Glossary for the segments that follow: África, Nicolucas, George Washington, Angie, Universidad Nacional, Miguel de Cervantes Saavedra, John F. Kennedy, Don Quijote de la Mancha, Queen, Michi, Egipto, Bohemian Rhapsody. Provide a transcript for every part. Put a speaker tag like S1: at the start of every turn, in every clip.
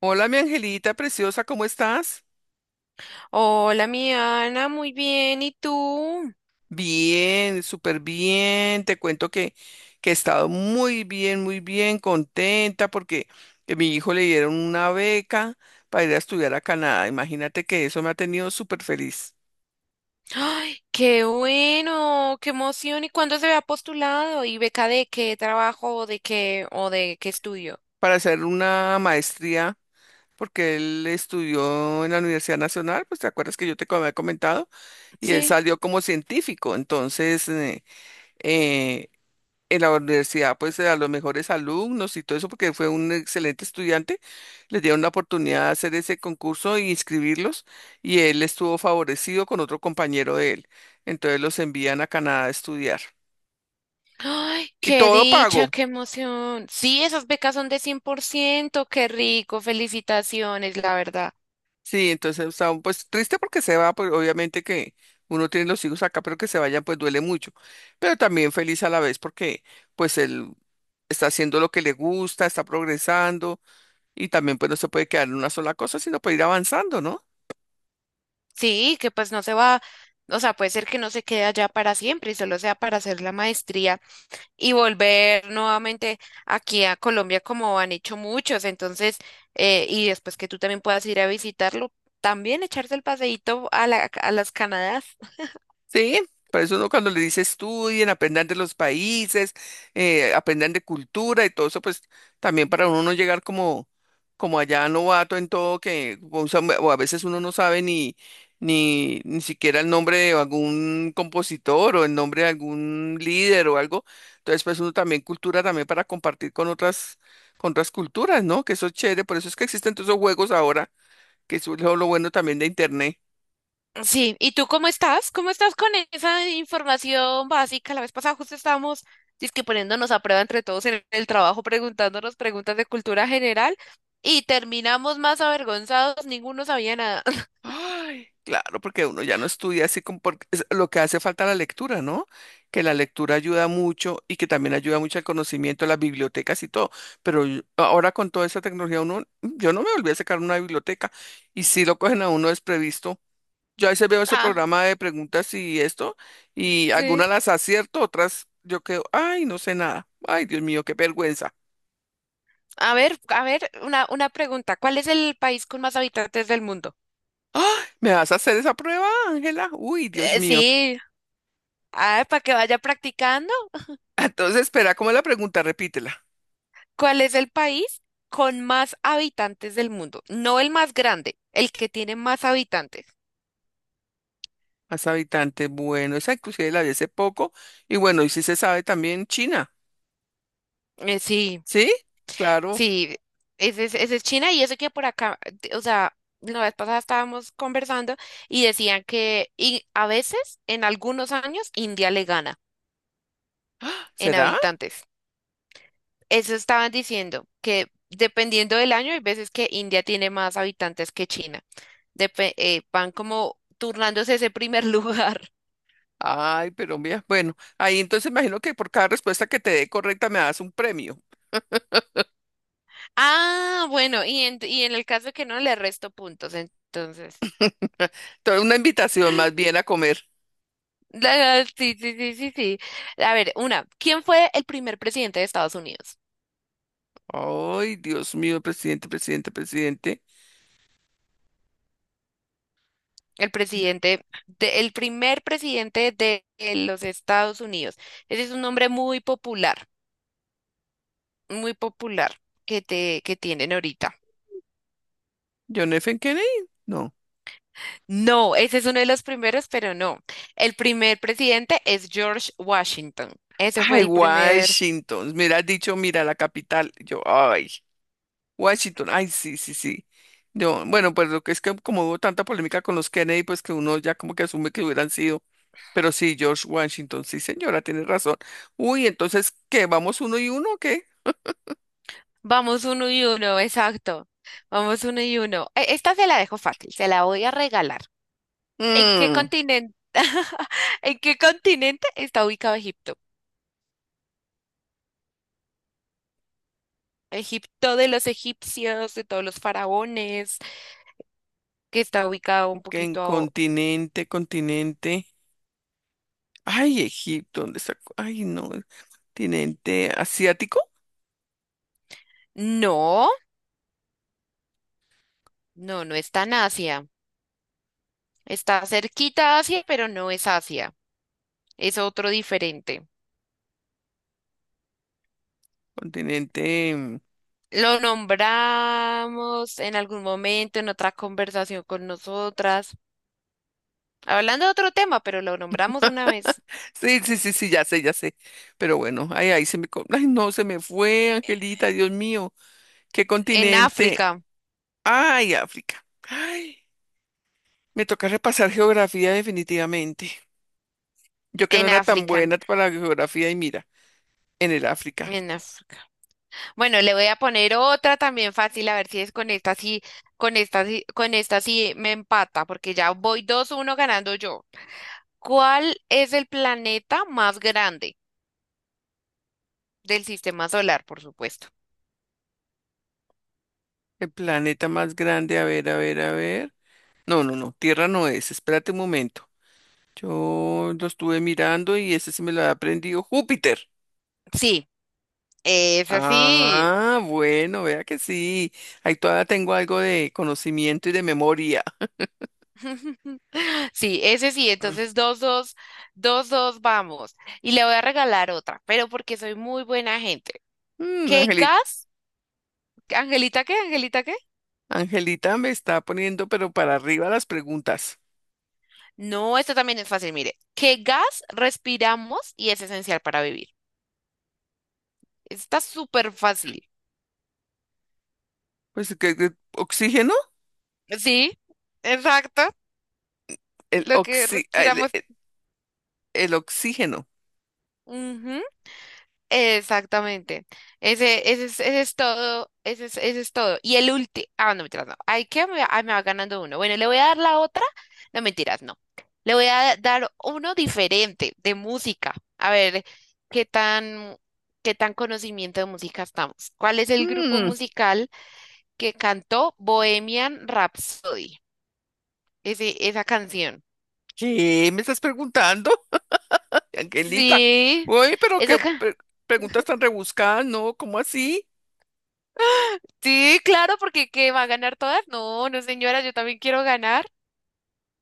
S1: Hola, mi angelita preciosa, ¿cómo estás?
S2: Hola, mi Ana, muy bien. ¿Y tú?
S1: Bien, súper bien. Te cuento que he estado muy bien, contenta porque a mi hijo le dieron una beca para ir a estudiar a Canadá. Imagínate que eso me ha tenido súper feliz
S2: ¡Ay, qué bueno! ¡Qué emoción! ¿Y cuándo se había postulado? ¿Y beca de qué trabajo o de qué estudio?
S1: para hacer una maestría porque él estudió en la Universidad Nacional, pues te acuerdas que yo había comentado, y él
S2: Sí.
S1: salió como científico. Entonces, eh, en la universidad, pues a los mejores alumnos y todo eso, porque fue un excelente estudiante, les dieron la oportunidad de hacer ese concurso y inscribirlos, y él estuvo favorecido con otro compañero de él. Entonces los envían a Canadá a estudiar.
S2: ¡Ay,
S1: Y
S2: qué
S1: todo
S2: dicha,
S1: pago.
S2: qué emoción! Sí, esas becas son de 100%, qué rico, felicitaciones, la verdad.
S1: Sí, entonces pues triste porque se va, pues obviamente que uno tiene los hijos acá, pero que se vayan, pues duele mucho. Pero también feliz a la vez porque pues él está haciendo lo que le gusta, está progresando y también pues no se puede quedar en una sola cosa, sino puede ir avanzando, ¿no?
S2: Sí, que pues no se va, o sea, puede ser que no se quede allá para siempre y solo sea para hacer la maestría y volver nuevamente aquí a Colombia como han hecho muchos. Entonces, y después que tú también puedas ir a visitarlo, también echarse el paseíto a las Canadá.
S1: Sí, por eso uno cuando le dice estudien, aprendan de los países, aprendan de cultura y todo eso, pues también para uno no llegar como, como allá novato en todo, que o sea, o a veces uno no sabe ni siquiera el nombre de algún compositor o el nombre de algún líder o algo. Entonces, pues uno también cultura también para compartir con otras culturas, ¿no? Que eso es chévere, por eso es que existen todos esos juegos ahora, que eso es lo bueno también de internet.
S2: Sí, ¿y tú cómo estás? ¿Cómo estás con esa información básica? La vez pasada justo estábamos dizque poniéndonos a prueba entre todos en el trabajo, preguntándonos preguntas de cultura general y terminamos más avergonzados, ninguno sabía nada.
S1: Ay, claro, porque uno ya no estudia así como porque es lo que hace falta la lectura, ¿no? Que la lectura ayuda mucho y que también ayuda mucho al conocimiento, las bibliotecas y todo. Ahora con toda esa tecnología, uno, yo no me volví a sacar una biblioteca y si lo cogen a uno desprevisto. Yo a veces veo ese
S2: Ah,
S1: programa de preguntas y esto, y algunas
S2: sí.
S1: las acierto, otras yo quedo, ay, no sé nada. Ay, Dios mío, qué vergüenza.
S2: A ver, una pregunta. ¿Cuál es el país con más habitantes del mundo?
S1: Ay, ¿me vas a hacer esa prueba, Ángela? Uy, Dios mío.
S2: Sí, ah, para que vaya practicando,
S1: Entonces, espera, ¿cómo es la pregunta? Repítela.
S2: ¿cuál es el país con más habitantes del mundo? No el más grande, el que tiene más habitantes.
S1: Más habitantes. Bueno, esa inclusive la vi hace poco. Y bueno, y si se sabe también China.
S2: Eh, sí,
S1: ¿Sí? Claro.
S2: sí, ese es China. Y eso que por acá, o sea, la vez pasada estábamos conversando y decían que a veces, en algunos años, India le gana
S1: ¡Ah!
S2: en
S1: ¿Será?
S2: habitantes. Eso estaban diciendo, que dependiendo del año, hay veces que India tiene más habitantes que China. Van como turnándose ese primer lugar.
S1: Ay, pero mira, bueno, ahí entonces imagino que por cada respuesta que te dé correcta me das un premio.
S2: Ah, bueno, y en el caso de que no, le resto puntos, entonces.
S1: Toda una invitación más bien a comer.
S2: Sí, sí, sí, sí, sí. A ver, una, ¿quién fue el primer presidente de Estados Unidos?
S1: Ay, Dios mío, presidente, presidente, presidente.
S2: El presidente, el primer presidente de los Estados Unidos. Ese es un nombre muy popular que tienen ahorita.
S1: John F. Kennedy. No.
S2: No, ese es uno de los primeros, pero no. El primer presidente es George Washington. Ese fue
S1: Ay,
S2: el primer.
S1: Washington. Mira, has dicho, mira, la capital. Yo, ay. Washington, ay, sí, sí, sí. Yo, bueno, pues lo que es que como hubo tanta polémica con los Kennedy, pues que uno ya como que asume que hubieran sido. Pero sí, George Washington, sí, señora, tiene razón. Uy, entonces, ¿qué? ¿Vamos uno y uno o qué?
S2: Vamos uno y uno, exacto. Vamos uno y uno. Esta se la dejo fácil, se la voy a regalar. ¿En qué
S1: Mm,
S2: continente, ¿en qué continente está ubicado Egipto? Egipto de los egipcios, de todos los faraones, que está ubicado un
S1: que en
S2: poquito...
S1: continente, continente. Ay, Egipto, ¿dónde está? Ay, no, continente asiático,
S2: No, no, no está en Asia. Está cerquita a Asia, pero no es Asia. Es otro diferente.
S1: continente.
S2: Lo nombramos en algún momento, en otra conversación con nosotras. Hablando de otro tema, pero lo nombramos una vez.
S1: Sí, sí, sí, sí, ya sé, ya sé. Pero bueno, ay, ahí se me. Co- Ay, no, se me fue, Angelita, Dios mío. ¿Qué
S2: En
S1: continente?
S2: África,
S1: Ay, África. Ay, me toca repasar geografía definitivamente. Yo que no
S2: en
S1: era tan
S2: África,
S1: buena para la geografía y mira, en el África,
S2: en África. Bueno, le voy a poner otra también fácil, a ver si es con esta sí me empata, porque ya voy 2-1 ganando yo. ¿Cuál es el planeta más grande del sistema solar, por supuesto?
S1: el planeta más grande, a ver, a ver, a ver. No, no, no, Tierra no es, espérate un momento. Yo lo estuve mirando y ese sí me lo ha aprendido Júpiter.
S2: Sí, ese sí.
S1: Ah, bueno, vea que sí. Ahí todavía tengo algo de conocimiento y de memoria.
S2: Sí, ese sí, entonces dos dos vamos. Y le voy a regalar otra, pero porque soy muy buena gente.
S1: Mm,
S2: ¿Qué
S1: Angelita,
S2: gas? ¿Angelita qué? ¿Angelita qué?
S1: Angelita me está poniendo pero para arriba las preguntas.
S2: No, esta también es fácil, mire. ¿Qué gas respiramos y es esencial para vivir? Está súper fácil.
S1: Pues, ¿oxígeno?
S2: Sí, exacto.
S1: El,
S2: Lo que
S1: oxi- ah,
S2: respiramos.
S1: el oxígeno.
S2: Ujú. Exactamente. Ese es todo. Ese es todo. Y el último. Ah, no, mentiras, no. Ay, que me, ah, me va ganando uno. Bueno, le voy a dar la otra. No, mentiras, no. Le voy a dar uno diferente de música. A ver, qué tan, qué tan conocimiento de música estamos. ¿Cuál es el grupo
S1: Mm,
S2: musical que cantó Bohemian Rhapsody? Ese, esa canción.
S1: ¿qué me estás preguntando, Angelita?
S2: Sí,
S1: uy pero qué
S2: esa ca-
S1: pre- preguntas tan rebuscadas, ¿no? ¿Cómo así?
S2: sí, claro, porque ¿qué va a ganar todas? No, no, señora, yo también quiero ganar.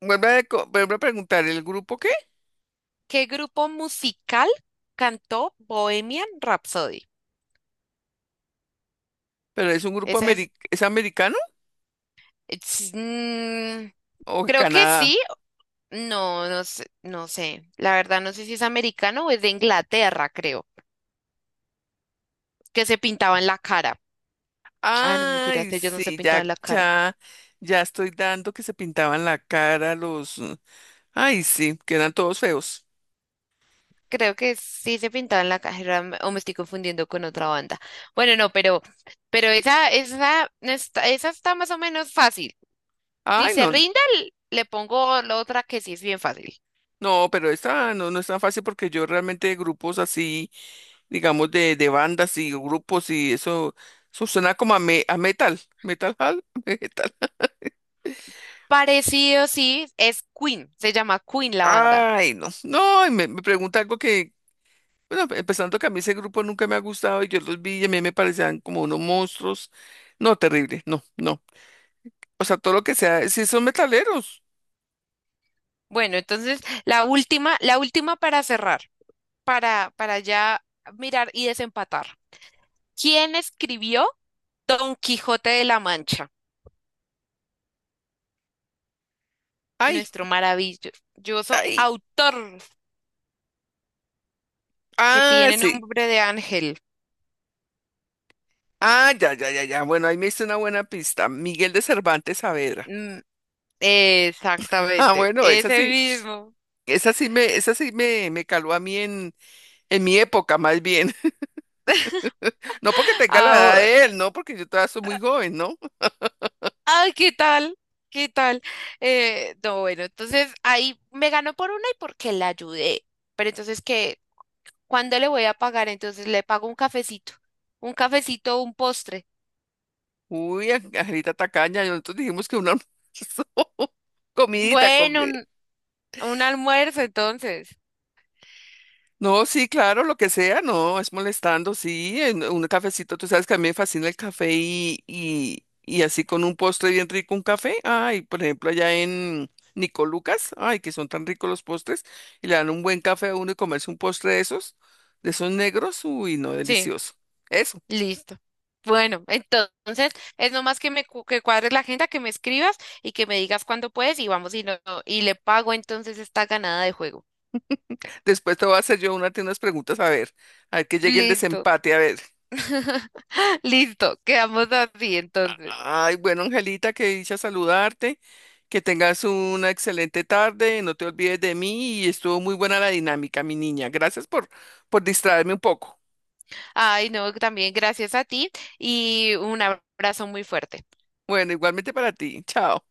S1: Vuelve a preguntar, ¿el grupo qué?
S2: ¿Qué grupo musical cantó Bohemian Rhapsody?
S1: ¿Pero es un grupo
S2: Esa
S1: ameri- es americano
S2: es- mm,
S1: o de
S2: creo que
S1: Canadá?
S2: sí. No, no sé, no sé. La verdad no sé si es americano o es de Inglaterra, creo, que se pintaba la cara. Ah, no, mentiras,
S1: Ay,
S2: ellos no se
S1: sí,
S2: pintaban la cara.
S1: ya estoy dando que se pintaban la cara los... Ay, sí, que eran todos feos.
S2: Creo que sí se pintaban la cara o me estoy confundiendo con otra banda. Bueno, no, pero esa, no está- Esa está más o menos fácil. Si
S1: Ay,
S2: se
S1: no,
S2: rinde, le pongo la otra que sí es bien fácil.
S1: No, pero esta no, no es tan fácil porque yo realmente grupos así, digamos, de bandas y grupos y eso suena como a metal, metal, hall, metal.
S2: Parecido, sí, es Queen, se llama Queen la banda.
S1: Ay, no, no, y me pregunta algo que, bueno, empezando que a mí ese grupo nunca me ha gustado y yo los vi y a mí me parecían como unos monstruos. No, terrible, no, no. O sea, todo lo que sea, si son metaleros.
S2: Bueno, entonces la última para cerrar, para ya mirar y desempatar. ¿Quién escribió Don Quijote de la Mancha?
S1: Ay,
S2: Nuestro maravilloso
S1: ay,
S2: autor que
S1: ah,
S2: tiene
S1: sí.
S2: nombre de ángel.
S1: Ah, ya, ya, ya, ya. Bueno, ahí me hizo una buena pista. Miguel de Cervantes Saavedra.
S2: Mm,
S1: Ah,
S2: exactamente,
S1: bueno, es
S2: ese
S1: así.
S2: mismo.
S1: Esa sí me caló a mí en mi época, más bien. No porque tenga la edad
S2: Ahora,
S1: de él, no, porque yo todavía soy muy joven, ¿no?
S2: ay, ¿qué tal? ¿Qué tal? No, bueno, entonces ahí me ganó por una y porque la ayudé. Pero entonces, ¿qué? ¿Cuándo le voy a pagar? Entonces le pago un cafecito, un cafecito, un postre.
S1: Uy, Angelita Tacaña, y nosotros dijimos que un almuerzo, comidita,
S2: Bueno,
S1: comidita.
S2: un almuerzo entonces.
S1: No, sí, claro, lo que sea, no, es molestando, sí, en un cafecito, tú sabes que a mí me fascina el café y así con un postre bien rico, un café, ay, por ejemplo, allá en Nicolucas, ay, que son tan ricos los postres, y le dan un buen café a uno y comerse un postre de esos negros, uy, no,
S2: Sí,
S1: delicioso. Eso,
S2: listo. Bueno, entonces es nomás que cuadres la agenda, que me escribas y que me digas cuándo puedes y vamos y y le pago entonces esta ganada de juego.
S1: después te voy a hacer yo unas preguntas, a ver que llegue el
S2: Listo.
S1: desempate, a ver.
S2: Listo, quedamos así entonces.
S1: Ay, bueno, Angelita, que dicha saludarte, que tengas una excelente tarde, no te olvides de mí y estuvo muy buena la dinámica, mi niña. Gracias por distraerme un poco.
S2: Ay, no, también gracias a ti y un abrazo muy fuerte.
S1: Bueno, igualmente para ti. Chao.